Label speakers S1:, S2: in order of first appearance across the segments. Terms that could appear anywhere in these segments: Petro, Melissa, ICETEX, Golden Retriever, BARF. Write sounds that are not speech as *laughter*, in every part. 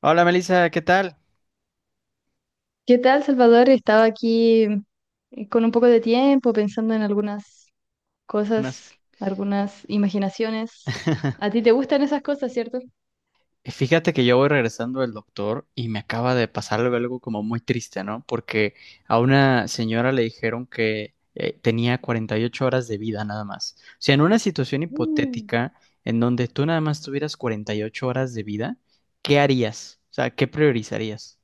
S1: Hola Melissa, ¿qué tal?
S2: ¿Qué tal, Salvador? Estaba aquí con un poco de tiempo pensando en algunas
S1: Buenas.
S2: cosas, algunas imaginaciones. ¿A
S1: *laughs*
S2: ti te gustan esas cosas, cierto?
S1: Fíjate que yo voy regresando del doctor y me acaba de pasar algo como muy triste, ¿no? Porque a una señora le dijeron que tenía 48 horas de vida nada más. O sea, en una situación
S2: Mm.
S1: hipotética en donde tú nada más tuvieras 48 horas de vida, ¿qué harías? O sea, ¿qué priorizarías?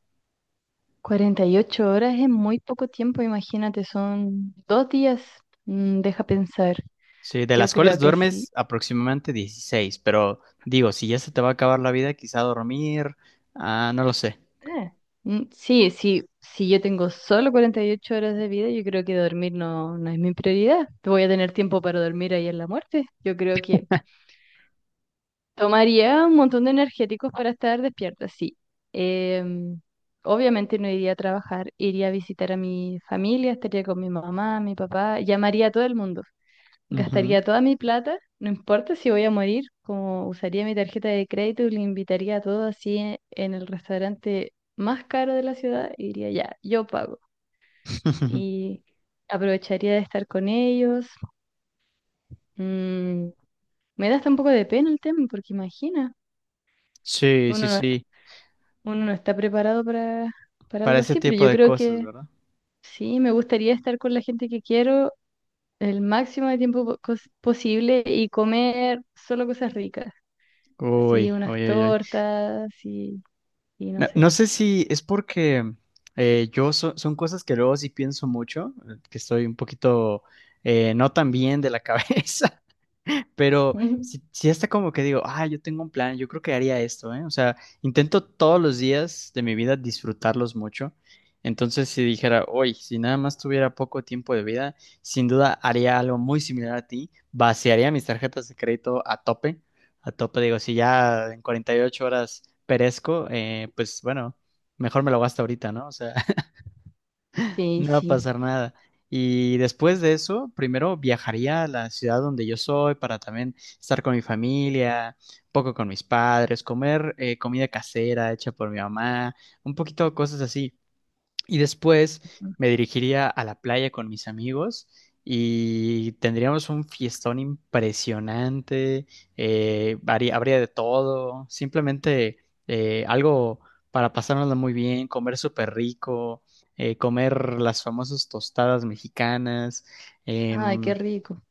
S2: Cuarenta y ocho horas es muy poco tiempo, imagínate, son 2 días. Mm, deja pensar.
S1: Sí, de
S2: Yo
S1: las cuales
S2: creo que sí.
S1: duermes aproximadamente 16, pero digo, si ya se te va a acabar la vida, quizá dormir, ah, no lo sé.
S2: Eh, sí, si yo tengo solo 48 horas de vida, yo creo que dormir no es mi prioridad. Voy a tener tiempo para dormir ahí en la muerte. Yo creo que tomaría un montón de energéticos para estar despierta, sí. Em, Obviamente no iría a trabajar, iría a visitar a mi familia, estaría con mi mamá, mi papá, llamaría a todo el mundo,
S1: Ujú.
S2: gastaría toda mi plata, no importa si voy a morir, como usaría mi tarjeta de crédito y le invitaría a todos así en el restaurante más caro de la ciudad, y diría ya, yo pago.
S1: *laughs*
S2: Y aprovecharía de estar con ellos. Mm, me da hasta un poco de pena el tema, porque imagina.
S1: Sí,
S2: Uno
S1: sí,
S2: no
S1: sí,
S2: uno no está preparado para
S1: para
S2: algo
S1: ese
S2: así, pero
S1: tipo
S2: yo
S1: de
S2: creo
S1: cosas,
S2: que
S1: ¿verdad?
S2: sí, me gustaría estar con la gente que quiero el máximo de tiempo posible y comer solo cosas ricas, así
S1: Uy, uy,
S2: unas
S1: uy, uy.
S2: tortas y no
S1: No, no
S2: sé.
S1: sé si es porque son cosas que luego sí pienso mucho, que estoy un poquito no tan bien de la *laughs* cabeza,
S2: *laughs*
S1: pero
S2: Ujú.
S1: si si hasta como que digo, ah, yo tengo un plan, yo creo que haría esto, ¿eh? O sea, intento todos los días de mi vida disfrutarlos mucho. Entonces, si dijera, hoy, si nada más tuviera poco tiempo de vida, sin duda haría algo muy similar a ti, vaciaría mis tarjetas de crédito a tope, digo, si ya en 48 horas perezco, pues bueno, mejor me lo gasto ahorita, ¿no? O sea,
S2: Sí,
S1: no va a
S2: sí.
S1: pasar nada. Y después de eso, primero viajaría a la ciudad donde yo soy para también estar con mi familia, un poco con mis padres, comer comida casera hecha por mi mamá, un poquito cosas así. Y después me dirigiría a la playa con mis amigos y tendríamos un fiestón impresionante, habría de todo, simplemente algo para pasárnoslo muy bien, comer súper rico, comer las famosas tostadas mexicanas.
S2: Ay, qué
S1: em,
S2: rico.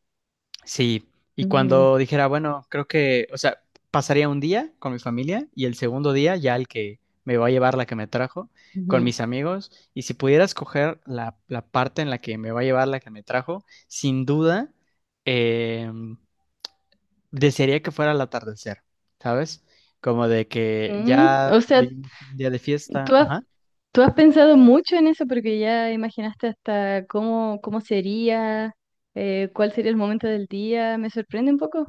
S1: Sí, y
S2: Ujú,
S1: cuando dijera, bueno, creo que, o sea, pasaría un día con mi familia y el segundo día ya el que me va a llevar la que me trajo, con
S2: ujú.
S1: mis amigos, y si pudiera escoger la parte en la que me va a llevar la que me trajo, sin duda, eh, desearía que fuera al atardecer, ¿sabes? Como de que
S2: Mm,
S1: ya
S2: o sea,
S1: vivimos un día de fiesta,
S2: tú has,
S1: ajá.
S2: tú has pensado mucho en eso porque ya imaginaste hasta cómo sería, cuál sería el momento del día. Me sorprende un poco.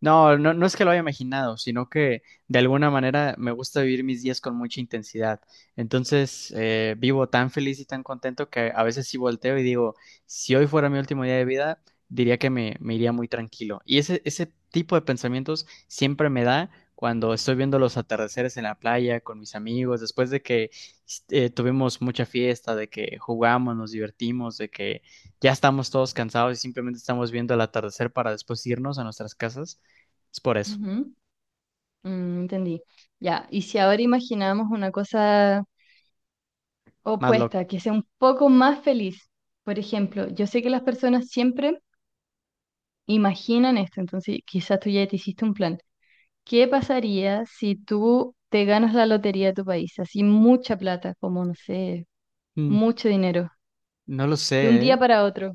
S1: No, no, no es que lo haya imaginado, sino que de alguna manera me gusta vivir mis días con mucha intensidad. Entonces, vivo tan feliz y tan contento que a veces sí volteo y digo, si hoy fuera mi último día de vida, diría que me iría muy tranquilo. Y ese tipo de pensamientos siempre me da cuando estoy viendo los atardeceres en la playa con mis amigos, después de que tuvimos mucha fiesta, de que jugamos, nos divertimos, de que ya estamos todos cansados y simplemente estamos viendo el atardecer para después irnos a nuestras casas. Es por eso.
S2: Mm, entendí. Ya, y si ahora imaginamos una cosa
S1: Más lo.
S2: opuesta, que sea un poco más feliz. Por ejemplo, yo sé que las personas siempre imaginan esto, entonces quizás tú ya te hiciste un plan. ¿Qué pasaría si tú te ganas la lotería de tu país? Así mucha plata, como no sé,
S1: Mm,
S2: mucho dinero,
S1: No lo
S2: de un
S1: sé,
S2: día
S1: ¿eh?
S2: para otro.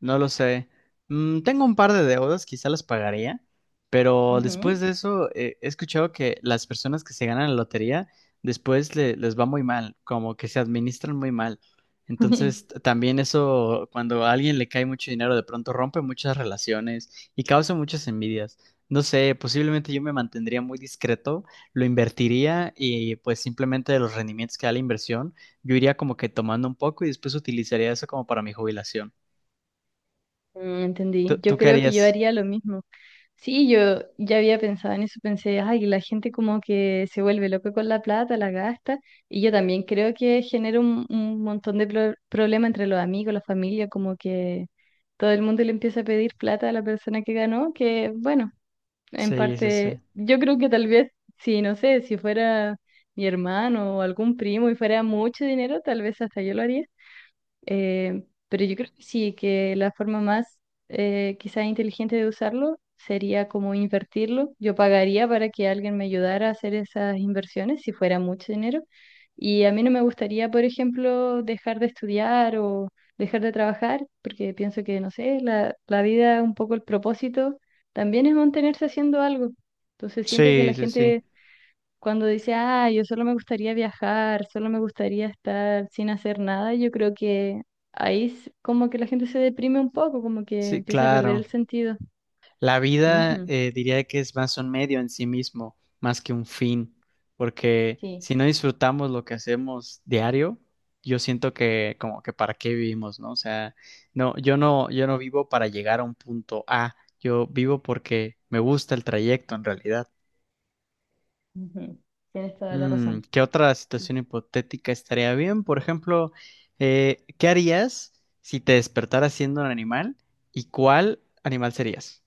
S1: No lo sé. Tengo un par de deudas, quizá las pagaría, pero después
S2: Ujú.
S1: de eso he escuchado que las personas que se ganan la lotería después les va muy mal, como que se administran muy mal. Entonces,
S2: *laughs*
S1: también eso, cuando a alguien le cae mucho dinero, de pronto rompe muchas relaciones y causa muchas envidias. No sé, posiblemente yo me mantendría muy discreto, lo invertiría y pues simplemente de los rendimientos que da la inversión, yo iría como que tomando un poco y después utilizaría eso como para mi jubilación.
S2: Mm,
S1: ¿Tú,
S2: entendí. Yo
S1: tú qué
S2: creo que yo
S1: harías?
S2: haría lo mismo. Sí, yo ya había pensado en eso, pensé, ay, la gente como que se vuelve loca con la plata, la gasta, y yo también creo que genera un montón de problemas entre los amigos, la familia, como que todo el mundo le empieza a pedir plata a la persona que ganó, que bueno, en
S1: Sí, sí, sí.
S2: parte, yo creo que tal vez, si no sé, si fuera mi hermano o algún primo y fuera mucho dinero, tal vez hasta yo lo haría, eh, pero yo creo que sí, que la forma más quizás inteligente de usarlo sería como invertirlo. Yo pagaría para que alguien me ayudara a hacer esas inversiones si fuera mucho dinero. Y a mí no me gustaría, por ejemplo, dejar de estudiar o dejar de trabajar, porque pienso que, no sé, la vida, un poco el propósito, también es mantenerse haciendo algo. Entonces siento que
S1: Sí,
S2: la
S1: sí, sí.
S2: gente cuando dice, ah, yo solo me gustaría viajar, solo me gustaría estar sin hacer nada, yo creo que ahí como que la gente se deprime un poco, como que
S1: Sí,
S2: empieza a perder
S1: claro.
S2: el sentido.
S1: La vida
S2: Ujú,
S1: diría que es más un medio en sí mismo, más que un fin, porque
S2: sí,
S1: si no disfrutamos lo que hacemos diario, yo siento que como que para qué vivimos, ¿no? O sea, no, yo no, vivo para llegar a un punto A, yo vivo porque me gusta el trayecto en realidad.
S2: ujú, tienes toda la razón.
S1: ¿Qué otra
S2: Sí.
S1: situación hipotética estaría bien? Por ejemplo, ¿qué harías si te despertaras siendo un animal? ¿Y cuál animal serías?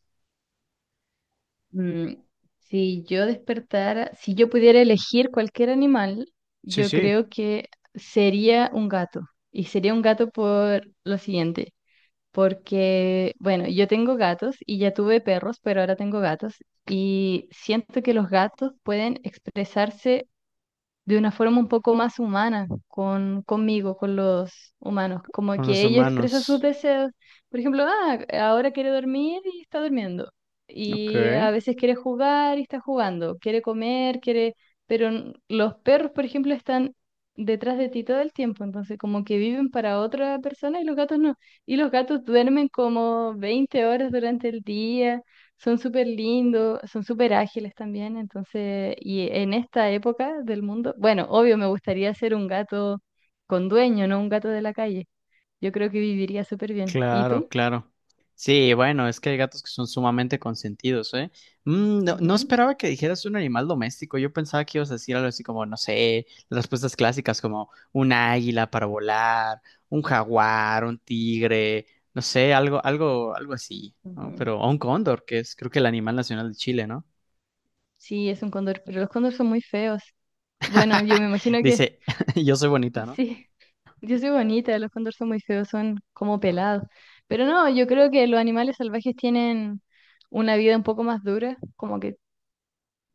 S2: Mm, si yo despertara, si yo pudiera elegir cualquier animal,
S1: Sí,
S2: yo
S1: sí.
S2: creo que sería un gato. Y sería un gato por lo siguiente. Porque, bueno, yo tengo gatos y ya tuve perros, pero ahora tengo gatos y siento que los gatos pueden expresarse de una forma un poco más humana conmigo, con los humanos, como
S1: ¿Con los
S2: que ella expresa sus
S1: humanos?
S2: deseos, por ejemplo, ahora quiere dormir y está durmiendo,
S1: Ok.
S2: y a veces quiere jugar y está jugando, quiere comer, quiere, pero los perros, por ejemplo, están detrás de ti todo el tiempo, entonces como que viven para otra persona y los gatos no, y los gatos duermen como 20 horas durante el día. Son súper lindos, son súper ágiles también, entonces, y en esta época del mundo, bueno, obvio me gustaría ser un gato con dueño, no un gato de la calle. Yo creo que viviría súper bien. ¿Y
S1: Claro,
S2: tú?
S1: claro. Sí, bueno, es que hay gatos que son sumamente consentidos, ¿eh? No, no
S2: Ujú,
S1: esperaba que dijeras un animal doméstico. Yo pensaba que ibas a decir algo así como, no sé, las respuestas clásicas como un águila para volar, un jaguar, un tigre, no sé, algo, algo, algo así, ¿no?
S2: ujú.
S1: Pero o un cóndor, que es creo que el animal nacional de Chile, ¿no?
S2: Sí, es un cóndor, pero los cóndores son muy feos. Bueno, yo me
S1: *laughs*
S2: imagino que
S1: Dice, *laughs* yo soy bonita,
S2: *laughs*
S1: ¿no?
S2: sí, yo soy bonita, los cóndores son muy feos, son como pelados. Pero no, yo creo que los animales salvajes tienen una vida un poco más dura, como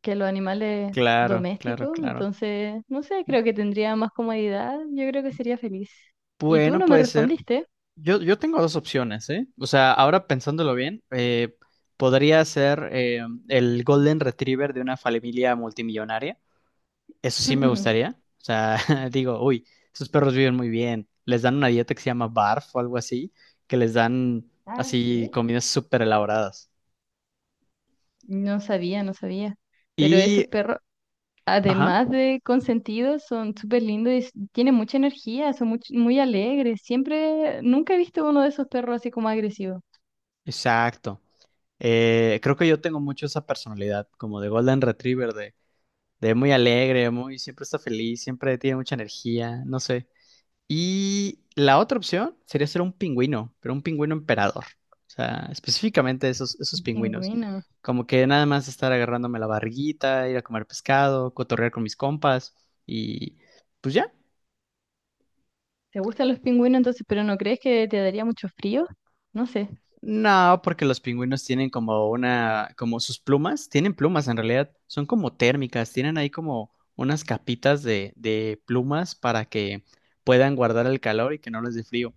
S2: que los animales
S1: Claro, claro,
S2: domésticos,
S1: claro.
S2: entonces, no sé, creo que tendría más comodidad, yo creo que sería feliz. Y tú
S1: Bueno,
S2: no me
S1: puede ser.
S2: respondiste.
S1: Yo tengo dos opciones, ¿eh? O sea, ahora pensándolo bien, podría ser el Golden Retriever de una familia multimillonaria. Eso sí me gustaría.
S2: *laughs*
S1: O sea, *laughs* digo, uy, esos perros viven muy bien. Les dan una dieta que se llama BARF o algo así, que les dan
S2: Ah,
S1: así
S2: sí.
S1: comidas súper elaboradas.
S2: No sabía, no sabía. Pero
S1: Y,
S2: esos perros,
S1: ajá,
S2: además de consentidos, son súper lindos y tienen mucha energía, son muy alegres. Siempre, nunca he visto uno de esos perros así como agresivo.
S1: exacto. Creo que yo tengo mucho esa personalidad, como de Golden Retriever, de, muy alegre, muy, siempre está feliz, siempre tiene mucha energía, no sé. Y la otra opción sería ser un pingüino, pero un pingüino emperador. O sea, específicamente esos
S2: Un
S1: pingüinos.
S2: pingüino.
S1: Como que nada más estar agarrándome la barriguita, ir a comer pescado, cotorrear con mis compas y pues ya.
S2: ¿Te gustan los pingüinos entonces, pero no crees que te daría mucho frío? No sé.
S1: No, porque los pingüinos tienen como una, como sus plumas, tienen plumas en realidad, son como térmicas, tienen ahí como unas capitas de plumas para que puedan guardar el calor y que no les dé frío.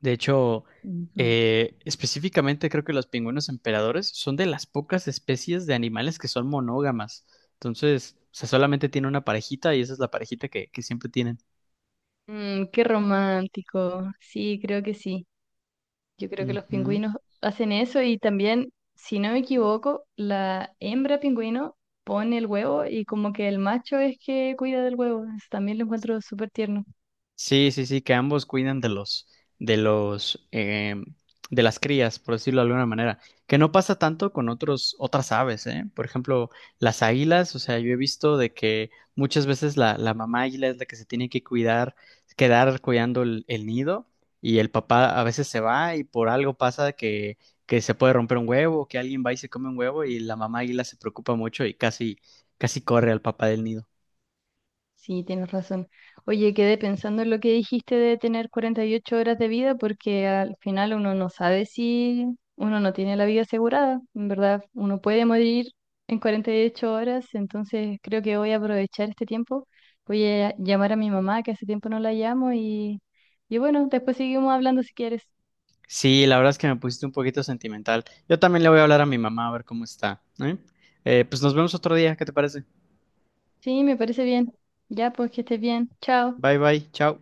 S1: De hecho, específicamente creo que los pingüinos emperadores son de las pocas especies de animales que son monógamas. Entonces, o sea, solamente tiene una parejita y esa es la parejita que siempre tienen.
S2: Mm, qué romántico. Sí, creo que sí. Yo creo que los
S1: Ujú.
S2: pingüinos hacen eso y también, si no me equivoco, la hembra pingüino pone el huevo y como que el macho es que cuida del huevo. Eso también lo encuentro súper tierno.
S1: Sí, sí, sí, que ambos cuidan de los, de los, em, de las crías, por decirlo de alguna manera, que no pasa tanto con otros, otras aves, ¿eh? Por ejemplo, las águilas, o sea, yo he visto de que muchas veces la mamá águila es la que se tiene que cuidar, quedar cuidando el nido y el papá a veces se va y por algo pasa que se puede romper un huevo, que alguien va y se come un huevo y la mamá águila se preocupa mucho y casi, casi corre al papá del nido.
S2: Sí, tienes razón. Oye, quedé pensando en lo que dijiste de tener 48 horas de vida porque al final uno no sabe si uno no tiene la vida asegurada. En verdad, uno puede morir en 48 horas, entonces creo que voy a aprovechar este tiempo. Voy a llamar a mi mamá, que hace tiempo no la llamo, y bueno, después seguimos hablando si quieres.
S1: Sí, la verdad es que me pusiste un poquito sentimental. Yo también le voy a hablar a mi mamá a ver cómo está, ¿eh? Pues nos vemos otro día, ¿qué te parece?
S2: Sí, me parece bien. Ya, pues que estés bien. Chao.
S1: Bye bye, chao.